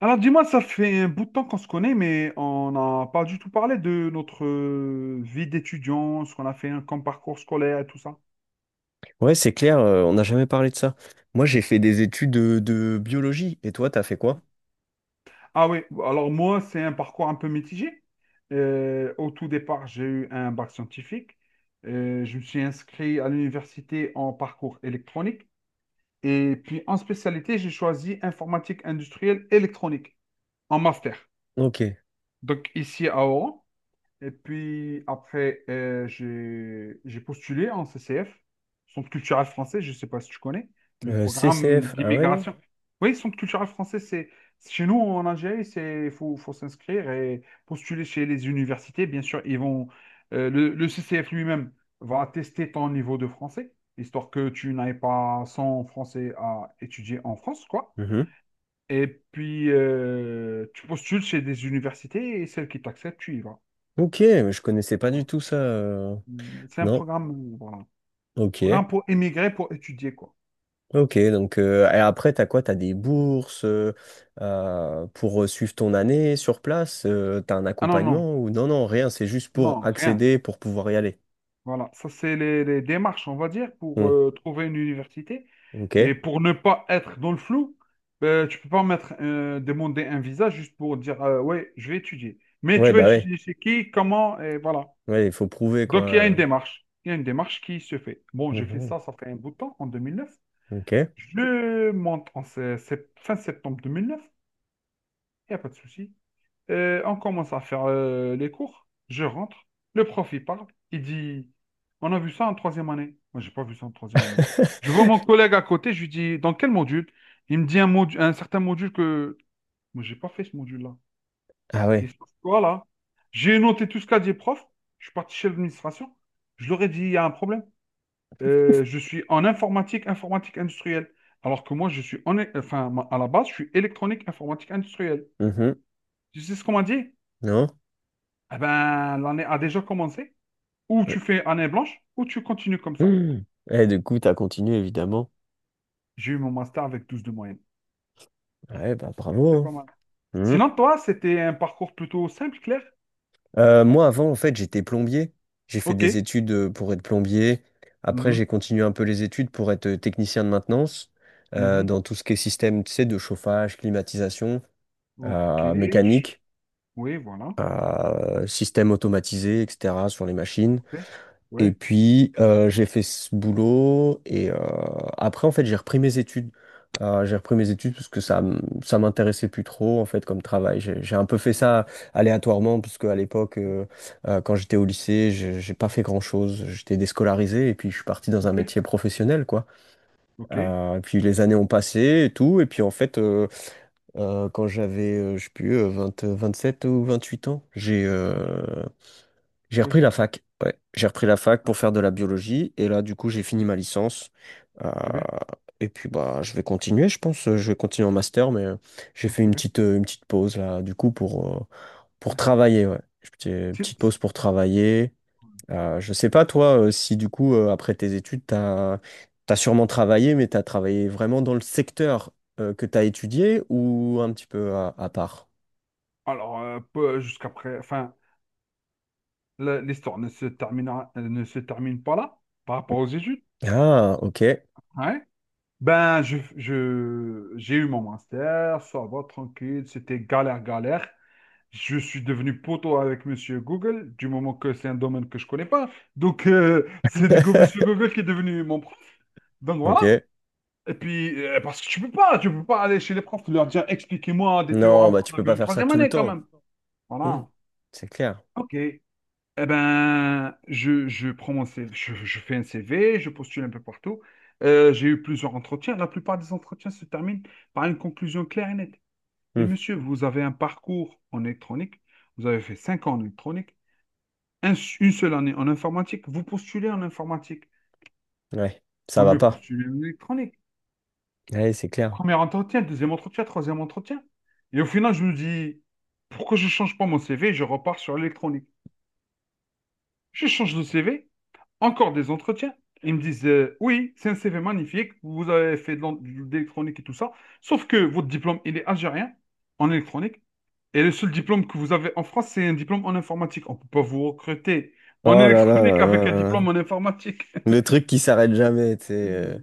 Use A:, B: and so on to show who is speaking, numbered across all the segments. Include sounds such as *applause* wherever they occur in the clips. A: Alors dis-moi, ça fait un bout de temps qu'on se connaît, mais on n'a pas du tout parlé de notre vie d'étudiant, ce qu'on a fait hein, comme parcours scolaire et tout ça.
B: Ouais, c'est clair, on n'a jamais parlé de ça. Moi, j'ai fait des études de biologie. Et toi, t'as fait quoi?
A: Ah oui, alors moi, c'est un parcours un peu mitigé. Au tout départ, j'ai eu un bac scientifique. Je me suis inscrit à l'université en parcours électronique. Et puis en spécialité, j'ai choisi informatique industrielle électronique en master.
B: Ok.
A: Donc ici à Oran. Et puis après, j'ai postulé en CCF, Centre culturel français, je ne sais pas si tu connais, le programme
B: CCF. Ah ouais, non?
A: d'immigration. Oui, Centre culturel français, c'est chez nous en Algérie, c'est il faut s'inscrire et postuler chez les universités. Bien sûr, ils vont le CCF lui-même va tester ton niveau de français, histoire que tu n'ailles pas sans français à étudier en France, quoi.
B: Mhm.
A: Et puis, tu postules chez des universités et celles qui t'acceptent, tu y vas.
B: Ok, mais je connaissais pas du
A: Voilà.
B: tout ça.
A: C'est un
B: Non.
A: programme, voilà. Programme
B: Ok.
A: pour émigrer, pour étudier, quoi.
B: Ok, donc et après, t'as quoi? T'as des bourses pour suivre ton année sur place? T'as un
A: Ah non, non,
B: accompagnement ou non, non, rien, c'est juste pour
A: non, rien.
B: accéder, pour pouvoir y aller.
A: Voilà, ça, c'est les démarches, on va dire, pour
B: Hmm,
A: trouver une université. Et
B: ok.
A: pour ne pas être dans le flou, tu peux pas mettre, demander un visa juste pour dire, ouais, je vais étudier. Mais
B: Ouais,
A: tu vas
B: bah ouais.
A: étudier chez qui, comment, et voilà.
B: Ouais, il faut prouver, quoi.
A: Donc, il y a une démarche. Il y a une démarche qui se fait. Bon, j'ai fait
B: Mhm,
A: ça, ça fait un bout de temps, en 2009.
B: ok.
A: Je monte en fin septembre 2009. Il n'y a pas de souci. On commence à faire les cours. Je rentre. Le prof, il parle. Il dit, on a vu ça en troisième année. Moi, j'ai pas vu ça en troisième année. Je vois
B: *laughs*
A: mon collègue à côté. Je lui dis, dans quel module? Il me dit un module, un certain module que moi, j'ai pas fait ce module-là.
B: Ah
A: Et
B: ouais.
A: ça, voilà. J'ai noté tout ce qu'a dit le prof. Je suis parti chez l'administration. Je leur ai dit, il y a un problème. Je suis en informatique, informatique industrielle. Alors que moi, je suis en, enfin, à la base, je suis électronique, informatique industrielle.
B: Mhm.
A: Tu sais ce qu'on m'a dit?
B: Non?
A: Eh ben, l'année a déjà commencé. Ou
B: Ouais.
A: tu fais année blanche, ou tu continues comme ça.
B: Mmh. Et du coup, t'as continué, évidemment.
A: J'ai eu mon master avec 12 de moyenne.
B: Ouais, bah bravo,
A: C'est
B: hein.
A: pas mal.
B: Mmh.
A: Sinon, toi, c'était un parcours plutôt simple, clair?
B: Moi, avant, en fait, j'étais plombier. J'ai fait
A: Ok.
B: des études pour être plombier. Après,
A: Mhm,
B: j'ai continué un peu les études pour être technicien de maintenance
A: mhm.
B: dans tout ce qui est système, tu sais, de chauffage, climatisation,
A: Ok. je-
B: mécanique,
A: Oui, voilà.
B: système automatisé, etc., sur les machines.
A: Ok.
B: Et
A: Oui.
B: puis, j'ai fait ce boulot. Et après, en fait, j'ai repris mes études. J'ai repris mes études parce que ça, ça m'intéressait plus trop, en fait, comme travail. J'ai un peu fait ça aléatoirement, parce qu'à l'époque, quand j'étais au lycée, j'ai pas fait grand-chose. J'étais déscolarisé et puis je suis parti dans un
A: Ok.
B: métier professionnel, quoi.
A: Ok.
B: Et puis les années ont passé et tout. Et puis, en fait, quand j'avais, je sais plus, 20, 27 ou 28 ans, j'ai euh,
A: Ok.
B: j'ai
A: Oui.
B: repris la fac. Ouais, j'ai repris la fac pour faire de la biologie et là du coup j'ai fini
A: Mhm.
B: ma licence. Euh,
A: C'est bien.
B: et puis bah je vais continuer, je pense. Je vais continuer en master, mais j'ai
A: Oui,
B: fait
A: c'est bien.
B: une petite pause là du coup pour
A: Oui.
B: travailler. Ouais, petite
A: Si.
B: pause pour travailler. Je sais pas toi, si du coup après tes études t'as sûrement travaillé, mais t'as travaillé vraiment dans le secteur que t'as étudié ou un petit peu à part.
A: Alors, jusqu'après, enfin, l'histoire ne se terminera, ne se termine pas là, par rapport aux études.
B: Ah ok.
A: Hein? Ben, j'ai eu mon master, ça va, tranquille, c'était galère, galère. Je suis devenu poteau avec Monsieur Google, du moment que c'est un domaine que je connais pas. Donc, c'est du coup
B: *laughs*
A: Monsieur Google qui est devenu mon prof. Donc, voilà.
B: Ok.
A: Et puis, parce que tu peux pas aller chez les profs, leur dire, expliquez-moi des
B: Non,
A: théorèmes
B: bah
A: qu'on
B: tu
A: avait
B: peux
A: vu
B: pas
A: en
B: faire ça
A: troisième
B: tout le
A: année, quand
B: temps.
A: même.
B: Hmm.
A: Voilà.
B: C'est clair.
A: OK. Eh ben, je prends mon CV, je fais un CV, je postule un peu partout. J'ai eu plusieurs entretiens. La plupart des entretiens se terminent par une conclusion claire et nette. Mais
B: Hmm.
A: monsieur, vous avez un parcours en électronique, vous avez fait 5 ans en électronique, un- une seule année en informatique, vous postulez en informatique.
B: Ouais, ça
A: Vaut
B: va
A: mieux
B: pas.
A: postuler en électronique.
B: Ouais, c'est clair.
A: Premier entretien, deuxième entretien, troisième entretien. Et au final, je me dis, pourquoi je change pas mon CV, je repars sur l'électronique. Je change de CV, encore des entretiens. Ils me disent oui, c'est un CV magnifique, vous avez fait de l'électronique et tout ça, sauf que votre diplôme, il est algérien en électronique, et le seul diplôme que vous avez en France, c'est un diplôme en informatique. On ne peut pas vous recruter en
B: Oh là là
A: électronique
B: là là
A: avec un
B: là là.
A: diplôme en informatique.
B: Le truc qui s'arrête jamais, tu sais,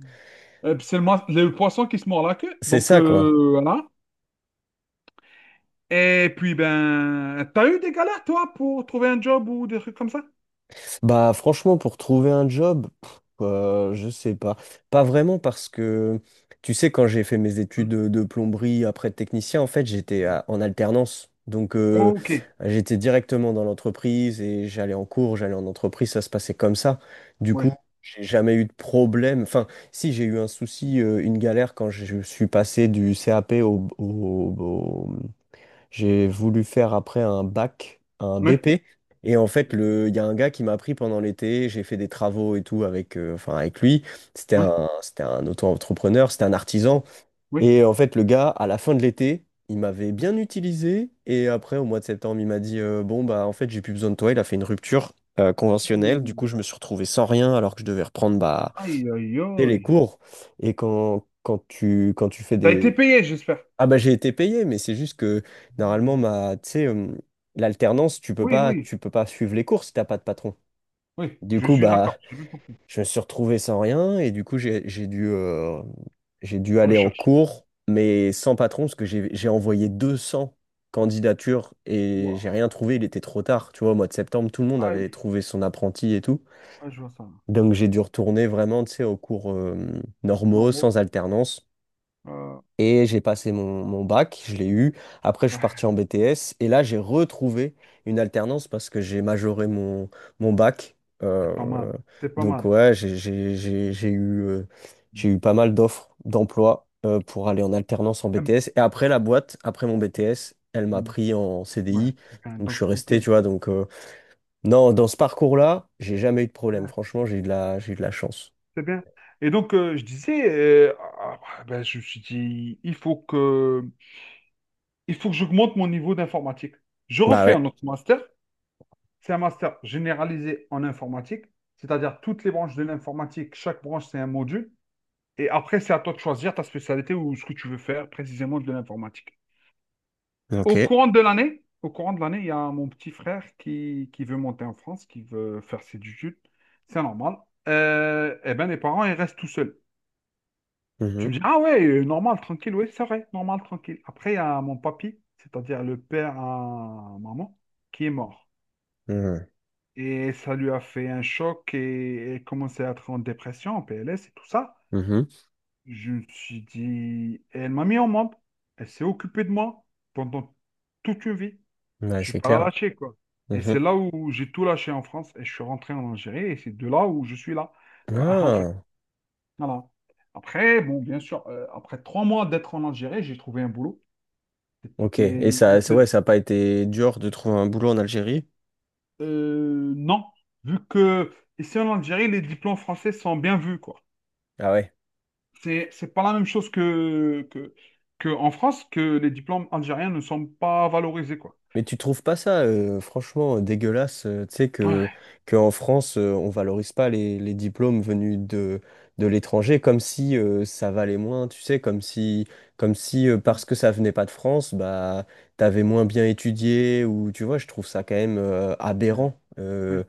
A: Puis c'est le poisson qui se mord la queue,
B: c'est
A: donc
B: ça, quoi.
A: voilà. Et puis, ben, t'as eu des galères, toi, pour trouver un job ou des trucs comme ça?
B: Bah franchement, pour trouver un job, pff, je sais pas. Pas vraiment parce que, tu sais, quand j'ai fait mes études
A: Hein,
B: de plomberie après de technicien, en fait,
A: hein.
B: en alternance. Donc,
A: Ok,
B: j'étais directement dans l'entreprise et j'allais en cours, j'allais en entreprise, ça se passait comme ça. Du
A: oui,
B: coup, j'ai jamais eu de problème. Enfin, si j'ai eu un souci, une galère quand je suis passé du CAP au, j'ai voulu faire après un bac, un
A: oui,
B: BP. Et en fait, il y a un gars qui m'a appris pendant l'été, j'ai fait des travaux et tout avec, enfin avec lui.
A: oui,
B: C'était un auto-entrepreneur, c'était un
A: oui.
B: artisan.
A: Oui.
B: Et en fait, le gars, à la fin de l'été, il m'avait bien utilisé. Et après, au mois de septembre, il m'a dit, bon, bah en fait, j'ai plus besoin de toi. Il a fait une rupture conventionnelle. Du
A: Ouh.
B: coup, je me suis retrouvé sans rien alors que je devais reprendre bah,
A: Aïe, aïe,
B: dès les
A: aïe.
B: cours. Et quand tu fais
A: T'as été
B: des…
A: payé, j'espère.
B: Ah bah j'ai été payé, mais c'est juste que
A: Mmh.
B: normalement ma, tu sais, l'alternance,
A: Oui, oui,
B: tu peux pas suivre les cours si t'as pas de patron.
A: oui,
B: Du
A: je
B: coup
A: suis
B: bah
A: d'accord, j'ai bien compris.
B: je me suis retrouvé sans rien et du coup j'ai dû aller en
A: Recherche.
B: cours, mais sans patron parce que j'ai envoyé 200 candidatures et j'ai
A: Ouah.
B: rien trouvé. Il était trop tard, tu vois. Au mois de septembre, tout le monde avait
A: Aïe,
B: trouvé son apprenti et tout,
A: ah, je vois ça.
B: donc j'ai dû retourner vraiment, tu sais, aux cours normaux
A: Normal.
B: sans alternance.
A: Euh,
B: Et j'ai passé mon bac, je l'ai eu. Après, je suis parti
A: ouais,
B: en BTS. Et là, j'ai retrouvé une alternance parce que j'ai majoré mon bac. Euh,
A: c'est pas mal, c'est pas
B: donc,
A: mal.
B: ouais, j'ai eu pas mal d'offres d'emploi pour aller en alternance en
A: Hum,
B: BTS. Et après, la boîte, après mon BTS, elle m'a
A: hum,
B: pris en
A: Ouais,
B: CDI.
A: c'est bien,
B: Donc, je
A: donc
B: suis resté,
A: tranquille.
B: tu vois. Donc, non, dans ce parcours-là, j'ai jamais eu de
A: C'est
B: problème.
A: bien.
B: Franchement, j'ai eu de la chance.
A: C'est bien. Et donc, je disais, ah, ah, ben, je me suis dit, il faut que j'augmente mon niveau d'informatique. Je
B: Bah
A: refais
B: ouais.
A: un autre master. C'est un master généralisé en informatique, c'est-à-dire toutes les branches de l'informatique, chaque branche, c'est un module. Et après, c'est à toi de choisir ta spécialité ou ce que tu veux faire précisément de l'informatique.
B: Ok.
A: Au courant de l'année, il y a mon petit frère qui veut monter en France, qui veut faire ses études. C'est normal. Eh ben, les parents, ils restent tout seuls. Tu
B: Mhm.
A: me dis, ah ouais, normal, tranquille, oui, c'est vrai, normal, tranquille. Après, il y a mon papy, c'est-à-dire le père à maman, qui est mort.
B: Mhm.
A: Et ça lui a fait un choc et elle commençait à être en dépression, en PLS et tout ça.
B: Mhm.
A: Je me suis dit, elle m'a mis au monde. Elle s'est occupée de moi pendant toute une vie.
B: Ouais,
A: Je n'ai
B: c'est
A: pas la
B: clair.
A: lâcher, quoi. Et c'est
B: Mhm.
A: là où j'ai tout lâché en France et je suis rentré en Algérie et c'est de là où je suis là. Bah, *laughs* en fait,
B: Ah,
A: voilà. Après, bon, bien sûr, après 3 mois d'être en Algérie, j'ai trouvé un boulot.
B: ok. Et
A: C'était un
B: ça, ouais,
A: peu...
B: ça n'a pas été dur de trouver un boulot en Algérie.
A: Non, vu que ici en Algérie, les diplômes français sont bien vus, quoi.
B: Ah ouais.
A: C'est pas la même chose que, que en France, que les diplômes algériens ne sont pas valorisés, quoi.
B: Mais tu trouves pas ça, franchement, dégueulasse, tu sais,
A: Ouais.
B: que en France, on valorise pas les diplômes venus de l'étranger comme si ça valait moins, tu sais, comme si
A: Mm,
B: parce que ça venait pas de France, bah, t'avais moins bien étudié, ou tu vois, je trouve ça quand même
A: mm,
B: aberrant.
A: oui.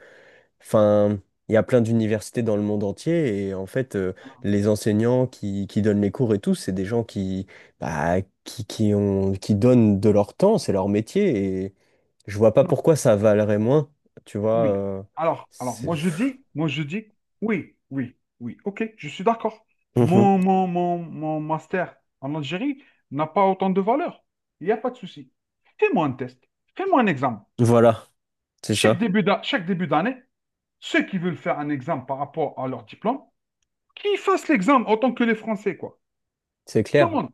B: Enfin, il y a plein d'universités dans le monde entier et en fait,
A: Alors,
B: les enseignants qui donnent les cours et tout, c'est des gens qui, bah, qui donnent de leur temps, c'est leur métier et je vois pas
A: non.
B: pourquoi ça valerait moins, tu vois.
A: Oui.
B: C'est…
A: Moi je dis, oui, oui, oui. Ok, je suis d'accord.
B: Mhm.
A: Mon master en Algérie n'a pas autant de valeur. Il n'y a pas de souci. Fais-moi un test. Fais-moi un examen.
B: Voilà, c'est ça.
A: Chaque début d'année, ceux qui veulent faire un examen par rapport à leur diplôme, qu'ils fassent l'examen autant que les Français, quoi.
B: C'est
A: Tout le
B: clair.
A: monde.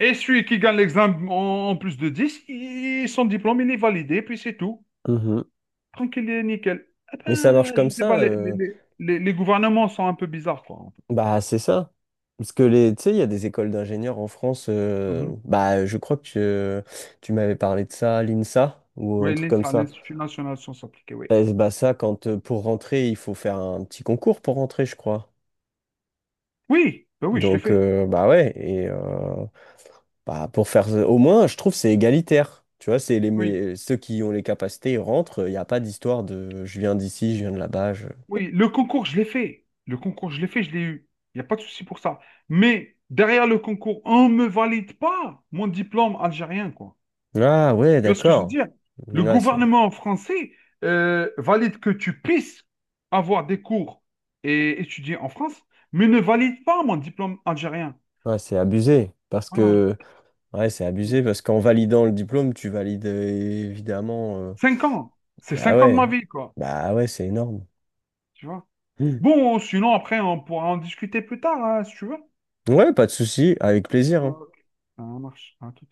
A: Et celui qui gagne l'examen en plus de 10, son diplôme, il est validé, puis c'est tout.
B: Mhm.
A: Tranquille et nickel. Ah
B: Mais ça marche
A: ben, je
B: comme
A: sais
B: ça.
A: pas, les gouvernements sont un peu bizarres, quoi. En fait.
B: Bah, c'est ça. Parce que les, tu sais, il y a des écoles d'ingénieurs en France.
A: Mhm.
B: Bah, je crois que tu m'avais parlé de ça, l'INSA, ou un
A: Oui,
B: truc comme
A: l'INSA,
B: ça.
A: l'Institut national de sciences appliquées, oui.
B: Eh, bah ça, quand pour rentrer, il faut faire un petit concours pour rentrer, je crois.
A: Oui, ben oui, je l'ai
B: Donc
A: fait.
B: bah ouais, et bah pour faire au moins, je trouve que c'est égalitaire. Tu vois,
A: Oui,
B: ceux qui ont les capacités, ils rentrent. Il n'y a pas d'histoire de je viens d'ici, je viens de là-bas.
A: oui, le concours, je l'ai fait. Le concours, je l'ai fait, je l'ai eu. Il n'y a pas de souci pour ça. Mais derrière le concours, on ne me valide pas mon diplôme algérien, quoi.
B: Ah ouais,
A: Tu vois ce que je veux
B: d'accord.
A: dire? Le
B: Ouais, c'est
A: gouvernement français valide que tu puisses avoir des cours et étudier en France, mais ne valide pas mon diplôme algérien.
B: ouais, c'est abusé parce
A: Voilà.
B: que ouais, c'est abusé parce qu'en validant le diplôme, tu valides évidemment.
A: 5 ans. C'est
B: Ah
A: cinq ans de ma
B: ouais,
A: vie, quoi.
B: bah ouais, c'est énorme.
A: Tu vois?
B: Hmm.
A: Bon, sinon, après, on pourra en discuter plus tard, hein, si tu veux.
B: Ouais, pas de souci, avec plaisir, hein.
A: Ok. Ça marche. À tout.